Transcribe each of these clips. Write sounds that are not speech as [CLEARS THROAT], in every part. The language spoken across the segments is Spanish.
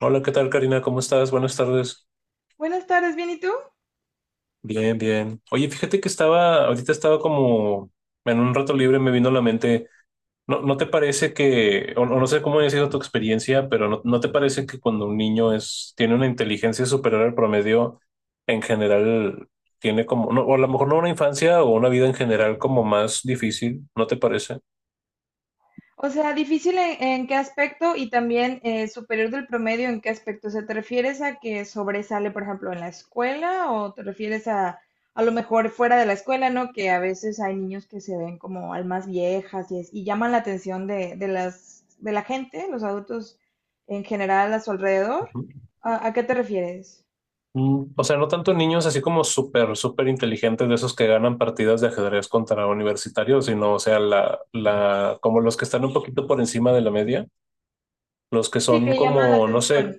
Hola, ¿qué tal, Karina? ¿Cómo estás? Buenas tardes. Buenas tardes, ¿bien y tú? Bien, bien. Oye, fíjate que estaba como en un rato libre, me vino a la mente. ¿No te parece que, o no sé cómo ha sido tu experiencia, pero no te parece que cuando un tiene una inteligencia superior al promedio, en general tiene como, no, o a lo mejor no una infancia o una vida en general como más difícil, ¿no te parece? O sea, difícil en qué aspecto y también superior del promedio en qué aspecto. O sea, ¿te refieres a que sobresale, por ejemplo, en la escuela o te refieres a lo mejor fuera de la escuela, ¿no? Que a veces hay niños que se ven como almas viejas y, y llaman la atención de la gente, los adultos en general a su alrededor. ¿A qué te refieres? O sea, no tanto niños así como súper inteligentes de esos que ganan partidas de ajedrez contra universitarios, sino, o sea, como los que están un poquito por encima de la media, los que Sí, son que llaman la como, no atención. sé,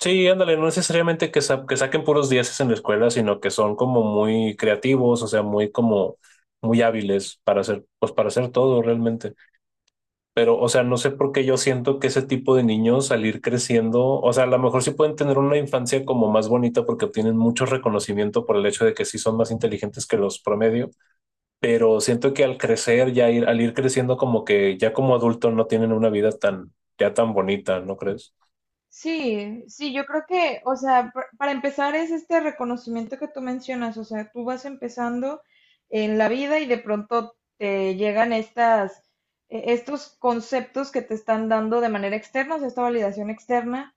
sí, ándale, no necesariamente que, que saquen puros dieces en la escuela, sino que son como muy creativos, o sea, muy como, muy hábiles para hacer, pues para hacer todo realmente. Pero, o sea, no sé por qué yo siento que ese tipo de niños al ir creciendo, o sea, a lo mejor sí pueden tener una infancia como más bonita porque obtienen mucho reconocimiento por el hecho de que sí son más inteligentes que los promedio, pero siento que al crecer, al ir creciendo como que ya como adulto no tienen una vida tan, ya tan bonita, ¿no crees? Sí, sí, yo creo que, o sea, para empezar es este reconocimiento que tú mencionas, o sea, tú vas empezando en la vida y de pronto te llegan estas, estos conceptos que te están dando de manera externa, o sea, esta validación externa,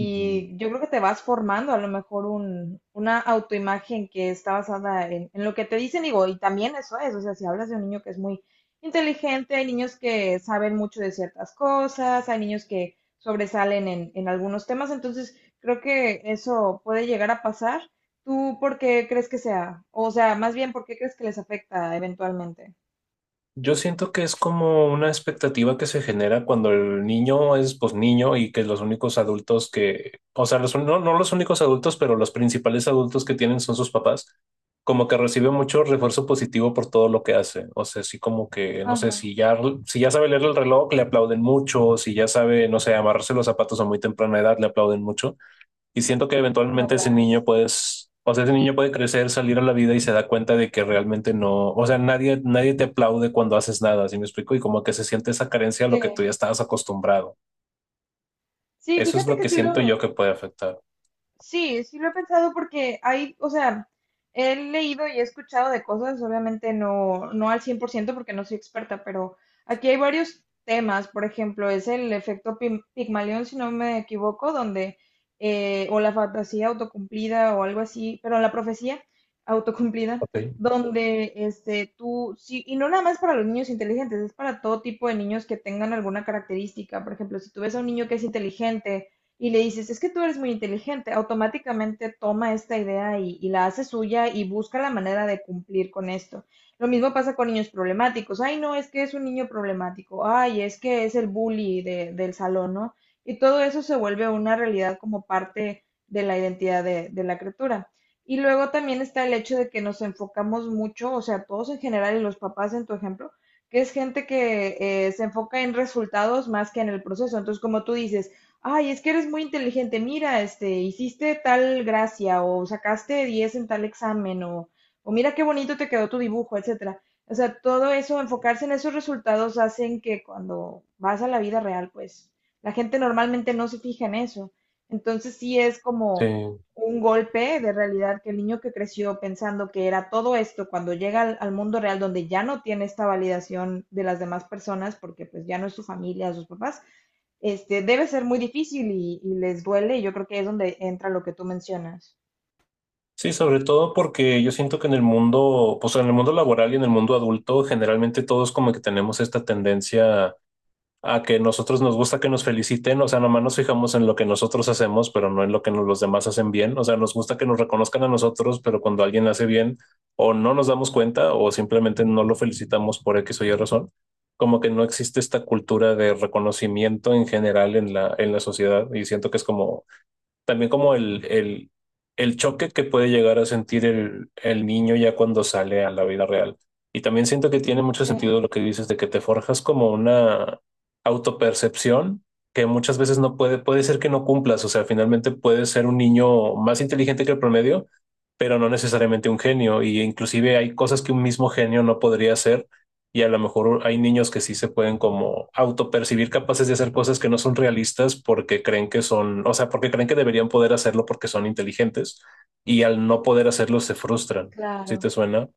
Ujú. yo creo que te vas formando a lo mejor una autoimagen que está basada en lo que te dicen, digo, y también eso es, o sea, si hablas de un niño que es muy inteligente, hay niños que saben mucho de ciertas cosas, hay niños que sobresalen en algunos temas, entonces creo que eso puede llegar a pasar. ¿Tú por qué crees que sea? O sea, más bien, ¿por qué crees que les afecta eventualmente? Yo siento que es como una expectativa que se genera cuando el niño es pues niño y que los únicos adultos que, o sea, no los únicos adultos, pero los principales adultos que tienen son sus papás, como que recibe mucho refuerzo positivo por todo lo que hace. O sea, sí como que, no sé, Ajá, si ya sabe leer el reloj, le aplauden mucho, si ya sabe, no sé, amarrarse los zapatos a muy temprana edad, le aplauden mucho. Y siento que eventualmente ese hablar, sí. O sea, ese niño puede crecer, salir a la vida y se da cuenta de que realmente no, o sea, nadie te aplaude cuando haces nada, ¿sí me explico? Y como que se siente esa carencia a lo que tú Sí, ya estabas acostumbrado. sí, Eso es fíjate lo que que sí siento lo. yo que puede afectar. Sí, sí lo he pensado porque hay, o sea, he leído y he escuchado de cosas, obviamente no, no al 100% porque no soy experta, pero aquí hay varios temas, por ejemplo, es el efecto Pigmalión, si no me equivoco, donde, o la fantasía autocumplida o algo así, pero la profecía autocumplida, Ok. donde este, tú, sí, y no nada más para los niños inteligentes, es para todo tipo de niños que tengan alguna característica, por ejemplo, si tú ves a un niño que es inteligente, y le dices, es que tú eres muy inteligente, automáticamente toma esta idea y la hace suya y busca la manera de cumplir con esto. Lo mismo pasa con niños problemáticos. Ay, no, es que es un niño problemático. Ay, es que es el bully del salón, ¿no? Y todo eso se vuelve una realidad como parte de la identidad de la criatura. Y luego también está el hecho de que nos enfocamos mucho, o sea, todos en general y los papás en tu ejemplo, que es gente que se enfoca en resultados más que en el proceso. Entonces, como tú dices, ay, es que eres muy inteligente, mira, este, hiciste tal gracia o sacaste 10 en tal examen o mira qué bonito te quedó tu dibujo, etcétera. O sea, todo eso, enfocarse en esos resultados hacen que cuando vas a la vida real, pues la gente normalmente no se fija en eso. Entonces sí es Sí. como un golpe de realidad que el niño que creció pensando que era todo esto, cuando llega al mundo real donde ya no tiene esta validación de las demás personas, porque pues ya no es su familia, sus papás, este, debe ser muy difícil y les duele y yo creo que es donde entra lo que tú mencionas. Sí, sobre todo porque yo siento que en el mundo, pues en el mundo laboral y en el mundo adulto, generalmente todos como que tenemos esta tendencia a que nosotros nos gusta que nos feliciten, o sea, nomás nos fijamos en lo que nosotros hacemos, pero no en lo que los demás hacen bien, o sea, nos gusta que nos reconozcan a nosotros, pero cuando alguien hace bien, o no nos damos cuenta, o simplemente no lo felicitamos por X o Y razón, como que no existe esta cultura de reconocimiento en general en en la sociedad, y siento que es como también como el choque que puede llegar a sentir el niño ya cuando sale a la vida real. Y también siento que tiene mucho Sí, sentido lo que dices de que te forjas como una autopercepción que muchas veces no puede ser que no cumplas. O sea, finalmente puedes ser un niño más inteligente que el promedio, pero no necesariamente un genio. Y inclusive hay cosas que un mismo genio no podría hacer y a lo mejor hay niños que sí se pueden como autopercibir capaces de hacer cosas que no son realistas porque creen que son, o sea, porque creen que deberían poder hacerlo porque son inteligentes y al no poder hacerlo se frustran. ¿Sí claro. te suena?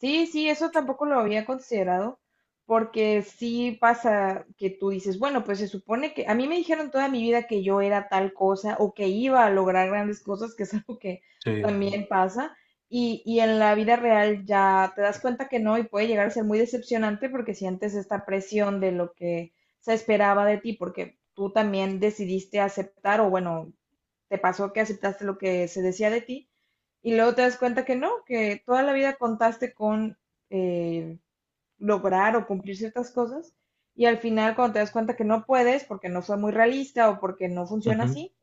Sí, sí, eso tampoco lo había considerado, porque sí pasa que tú dices, bueno, pues se supone que a mí me dijeron toda mi vida que yo era tal cosa o que iba a lograr grandes cosas, que es [LAUGHS] algo que Sí. también pasa, y en la vida real ya te das cuenta que no y puede llegar a ser muy decepcionante porque sientes esta presión de lo que se esperaba de ti, porque tú también decidiste aceptar o bueno, te pasó que aceptaste lo que se decía de ti y luego te das cuenta que no, que toda la vida contaste con eh, lograr o cumplir ciertas cosas y al final cuando te das cuenta que no puedes porque no fue muy realista o porque no funciona Ujú. así,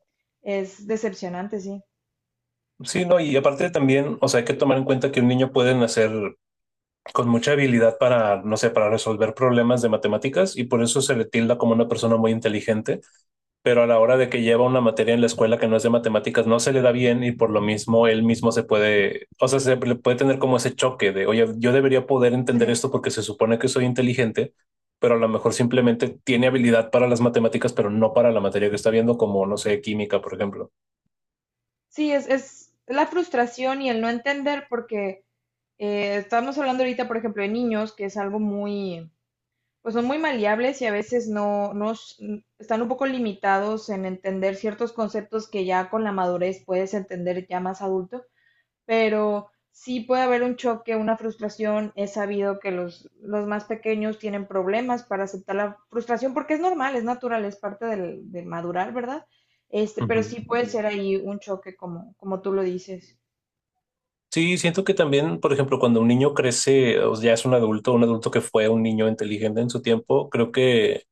es decepcionante, sí. Sí, no, y aparte también, o sea, hay que tomar en cuenta que un niño puede nacer con mucha habilidad para, no sé, para resolver problemas de matemáticas y por eso se le tilda como una persona muy inteligente, pero a la hora de que lleva una materia en la escuela que no es de matemáticas, no se le da bien y por lo mismo él mismo se puede, o sea, se le puede tener como ese choque de, oye, yo debería poder Sí, entender esto porque se supone que soy inteligente, pero a lo mejor simplemente tiene habilidad para las matemáticas, pero no para la materia que está viendo, como, no sé, química, por ejemplo. sí, es la frustración y el no entender porque estamos hablando ahorita, por ejemplo, de niños, que es algo muy pues son muy maleables y a veces no, están un poco limitados en entender ciertos conceptos que ya con la madurez puedes entender ya más adulto, pero sí puede haber un choque, una frustración. Es sabido que los más pequeños tienen problemas para aceptar la frustración porque es normal, es natural, es parte del madurar, ¿verdad? Este, pero Ujú. sí puede ser ahí un choque como, como tú lo dices. Sí, siento que también, por ejemplo, cuando un niño crece, o ya es un adulto que fue un niño inteligente en su tiempo, creo que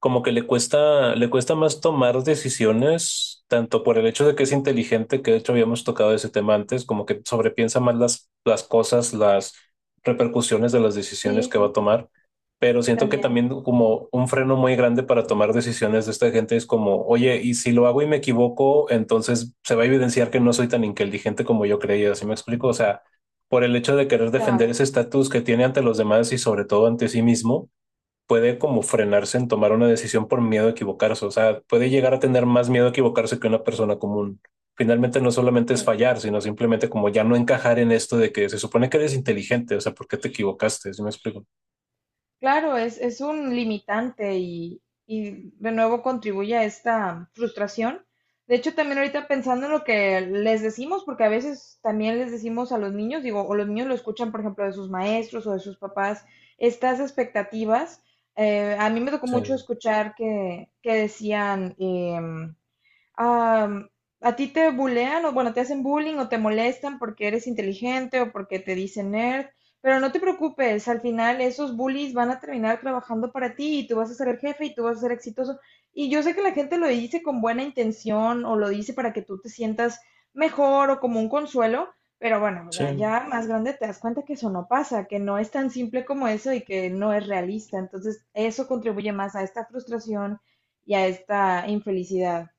como que le cuesta más tomar decisiones, tanto por el hecho de que es inteligente, que de hecho habíamos tocado ese tema antes, como que sobrepiensa más las cosas, las repercusiones de las decisiones Sí, que va a sí, tomar, pero sí, siento que también. también como un freno muy grande para tomar decisiones de esta gente es como, oye, y si lo hago y me equivoco, entonces se va a evidenciar que no soy tan inteligente como yo creía, ¿sí me explico? O sea, por el hecho de querer defender Claro. ese estatus que tiene ante los demás y sobre todo ante sí mismo puede como frenarse en tomar una decisión por miedo a equivocarse. O sea, puede llegar a tener más miedo a equivocarse que una persona común. Finalmente no solamente es fallar, sino simplemente como ya no encajar en esto de que se supone que eres inteligente, o sea, ¿por qué te equivocaste? Si me explico. Claro, es un limitante y de nuevo contribuye a esta frustración. De hecho, también ahorita pensando en lo que les decimos, porque a veces también les decimos a los niños, digo, o los niños lo escuchan, por ejemplo, de sus maestros o de sus papás, estas expectativas. A mí me tocó mucho Sí, escuchar que decían, am, ¿a ti te bulean o bueno, te hacen bullying o te molestan porque eres inteligente o porque te dicen nerd? Pero no te preocupes, al final esos bullies van a terminar trabajando para ti y tú vas a ser el jefe y tú vas a ser exitoso. Y yo sé que la gente lo dice con buena intención o lo dice para que tú te sientas mejor o como un consuelo, pero bueno, o sea, sí. ya más grande te das cuenta que eso no pasa, que no es tan simple como eso y que no es realista. Entonces, eso contribuye más a esta frustración y a esta infelicidad.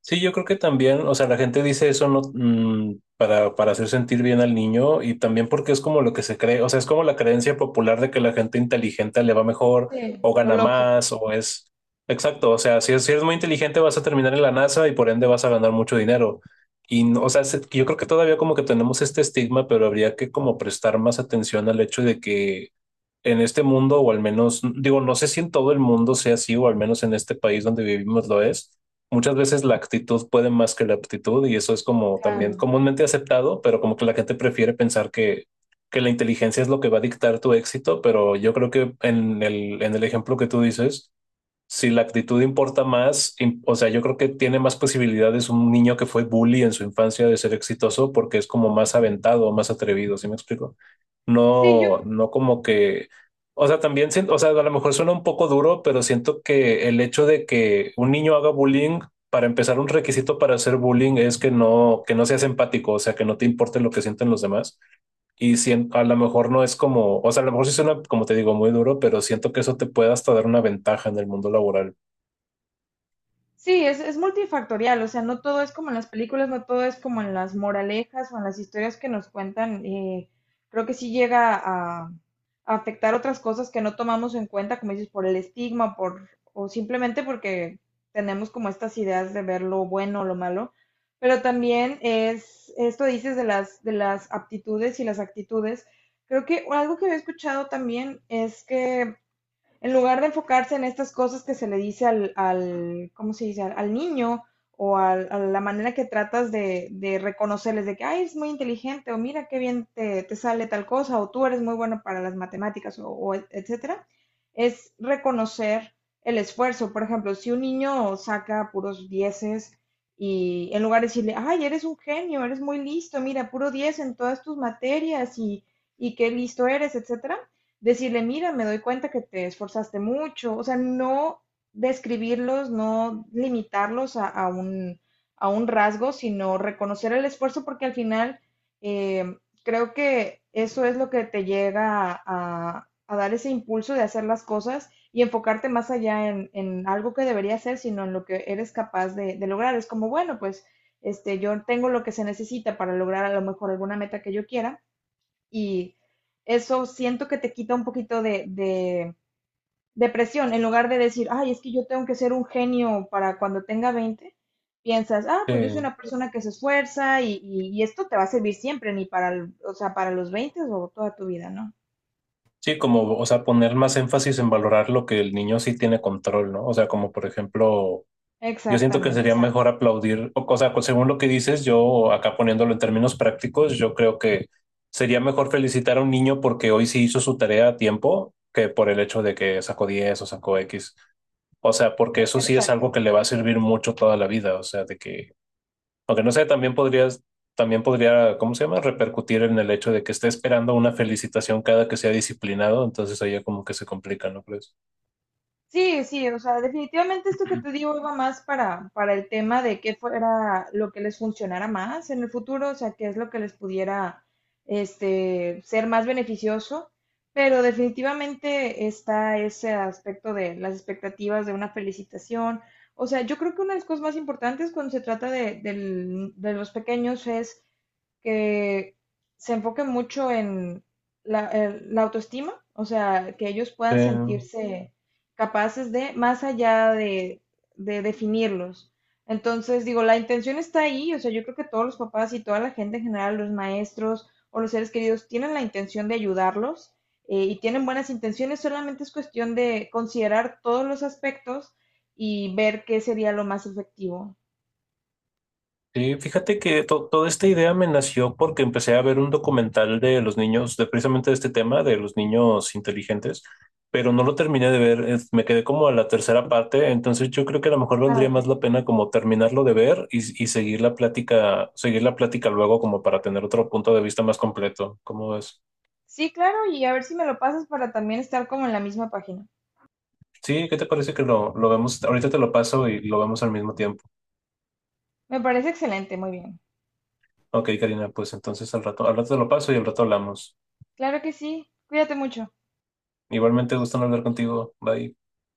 Sí, yo creo que también, o sea, la gente dice eso no, para hacer sentir bien al niño y también porque es como lo que se cree, o sea, es como la creencia popular de que la gente inteligente le va mejor Sí, o lo gana lógico, más o es... Exacto, o sea, si eres muy inteligente vas a terminar en la NASA y por ende vas a ganar mucho dinero. Y, o sea, yo creo que todavía como que tenemos este estigma, pero habría que como prestar más atención al hecho de que en este mundo, o al menos, digo, no sé si en todo el mundo sea así, o al menos en este país donde vivimos lo es. Muchas veces la actitud puede más que la aptitud, y eso es como también claro. comúnmente aceptado, pero como que la gente prefiere pensar que la inteligencia es lo que va a dictar tu éxito, pero yo creo que en en el ejemplo que tú dices, si la actitud importa más, o sea, yo creo que tiene más posibilidades un niño que fue bully en su infancia de ser exitoso porque es como más aventado, más atrevido, ¿sí me explico? Sí, yo, No como que, o sea, también, o sea, a lo mejor suena un poco duro, pero siento que el hecho de que un niño haga bullying, para empezar, un requisito para hacer bullying es que no seas empático, o sea, que no te importe lo que sienten los demás. Y a lo mejor no es como, o sea, a lo mejor sí suena, como te digo, muy duro, pero siento que eso te puede hasta dar una ventaja en el mundo laboral. sí, es multifactorial, o sea, no todo es como en las películas, no todo es como en las moralejas o en las historias que nos cuentan. Creo que sí llega a afectar otras cosas que no tomamos en cuenta, como dices, por el estigma, por, o simplemente porque tenemos como estas ideas de ver lo bueno o lo malo. Pero también es, esto dices de las aptitudes y las actitudes. Creo que algo que he escuchado también es que en lugar de enfocarse en estas cosas que se le dice al ¿cómo se dice? Al niño o a la manera que tratas de reconocerles de que, ay, es muy inteligente o mira qué bien te, te sale tal cosa o tú eres muy bueno para las matemáticas o etcétera, es reconocer el esfuerzo. Por ejemplo, si un niño saca puros dieces y en lugar de decirle, ay, eres un genio, eres muy listo, mira, puro diez en todas tus materias y qué listo eres, etcétera, decirle, mira, me doy cuenta que te esforzaste mucho, o sea, no describirlos, no limitarlos a un rasgo, sino reconocer el esfuerzo porque al final eh, creo que eso es lo que te llega a, a dar ese impulso de hacer las cosas y enfocarte más allá en algo que debería hacer sino en lo que eres capaz de lograr. Es como, bueno, pues este, yo tengo lo que se necesita para lograr a lo mejor alguna meta que yo quiera y eso siento que te quita un poquito de presión. En lugar de decir, ay, es que yo tengo que ser un genio para cuando tenga 20 piensas, ah, pues yo soy Eh, una persona que se esfuerza y, y esto te va a servir siempre, ni para, o sea, para los 20 o toda tu vida, ¿no? sí, como, o sea, poner más énfasis en valorar lo que el niño sí tiene control, ¿no? O sea, como por ejemplo, yo siento que Exactamente, sería exacto. mejor aplaudir, o sea, según lo que dices, yo acá poniéndolo en términos prácticos, yo creo que sería mejor felicitar a un niño porque hoy sí hizo su tarea a tiempo que por el hecho de que sacó 10 o sacó X. O sea, porque eso sí es Exacto. algo que le va a servir mucho toda la vida. O sea, de que aunque no sé, también podrías, también podría, ¿cómo se llama? Repercutir en el hecho de que esté esperando una felicitación cada que sea disciplinado, entonces ahí ya como que se complica, ¿no crees? Sí, sí, o sea, definitivamente esto que te [CLEARS THROAT] digo iba más para el tema de qué fuera lo que les funcionara más en el futuro, o sea, qué es lo que les pudiera este, ser más beneficioso, pero definitivamente está ese aspecto de las expectativas de una felicitación. O sea, yo creo que una de las cosas más importantes cuando se trata de, de los pequeños es que se enfoque mucho en la, la autoestima, o sea, que ellos puedan Eh, sentirse capaces de, más allá de definirlos. Entonces, digo, la intención está ahí, o sea, yo creo que todos los papás y toda la gente en general, los maestros o los seres queridos, tienen la intención de ayudarlos y tienen buenas intenciones, solamente es cuestión de considerar todos los aspectos y ver qué sería lo más efectivo. sí, fíjate que toda esta idea me nació porque empecé a ver un documental de los niños, de precisamente de este tema, de los niños inteligentes, pero no lo terminé de ver, me quedé como a la tercera parte, entonces yo creo que a lo mejor Ah, valdría ok. más la pena como terminarlo de ver y seguir la plática luego como para tener otro punto de vista más completo. ¿Cómo ves? Sí, claro, y a ver si me lo pasas para también estar como en la misma página. Sí, ¿qué te parece que lo vemos? Ahorita te lo paso y lo vemos al mismo tiempo. Me parece excelente, muy bien. Ok, Karina, pues entonces al rato te lo paso y al rato hablamos. Claro que sí, cuídate mucho. Igualmente, gusto en hablar contigo. Bye.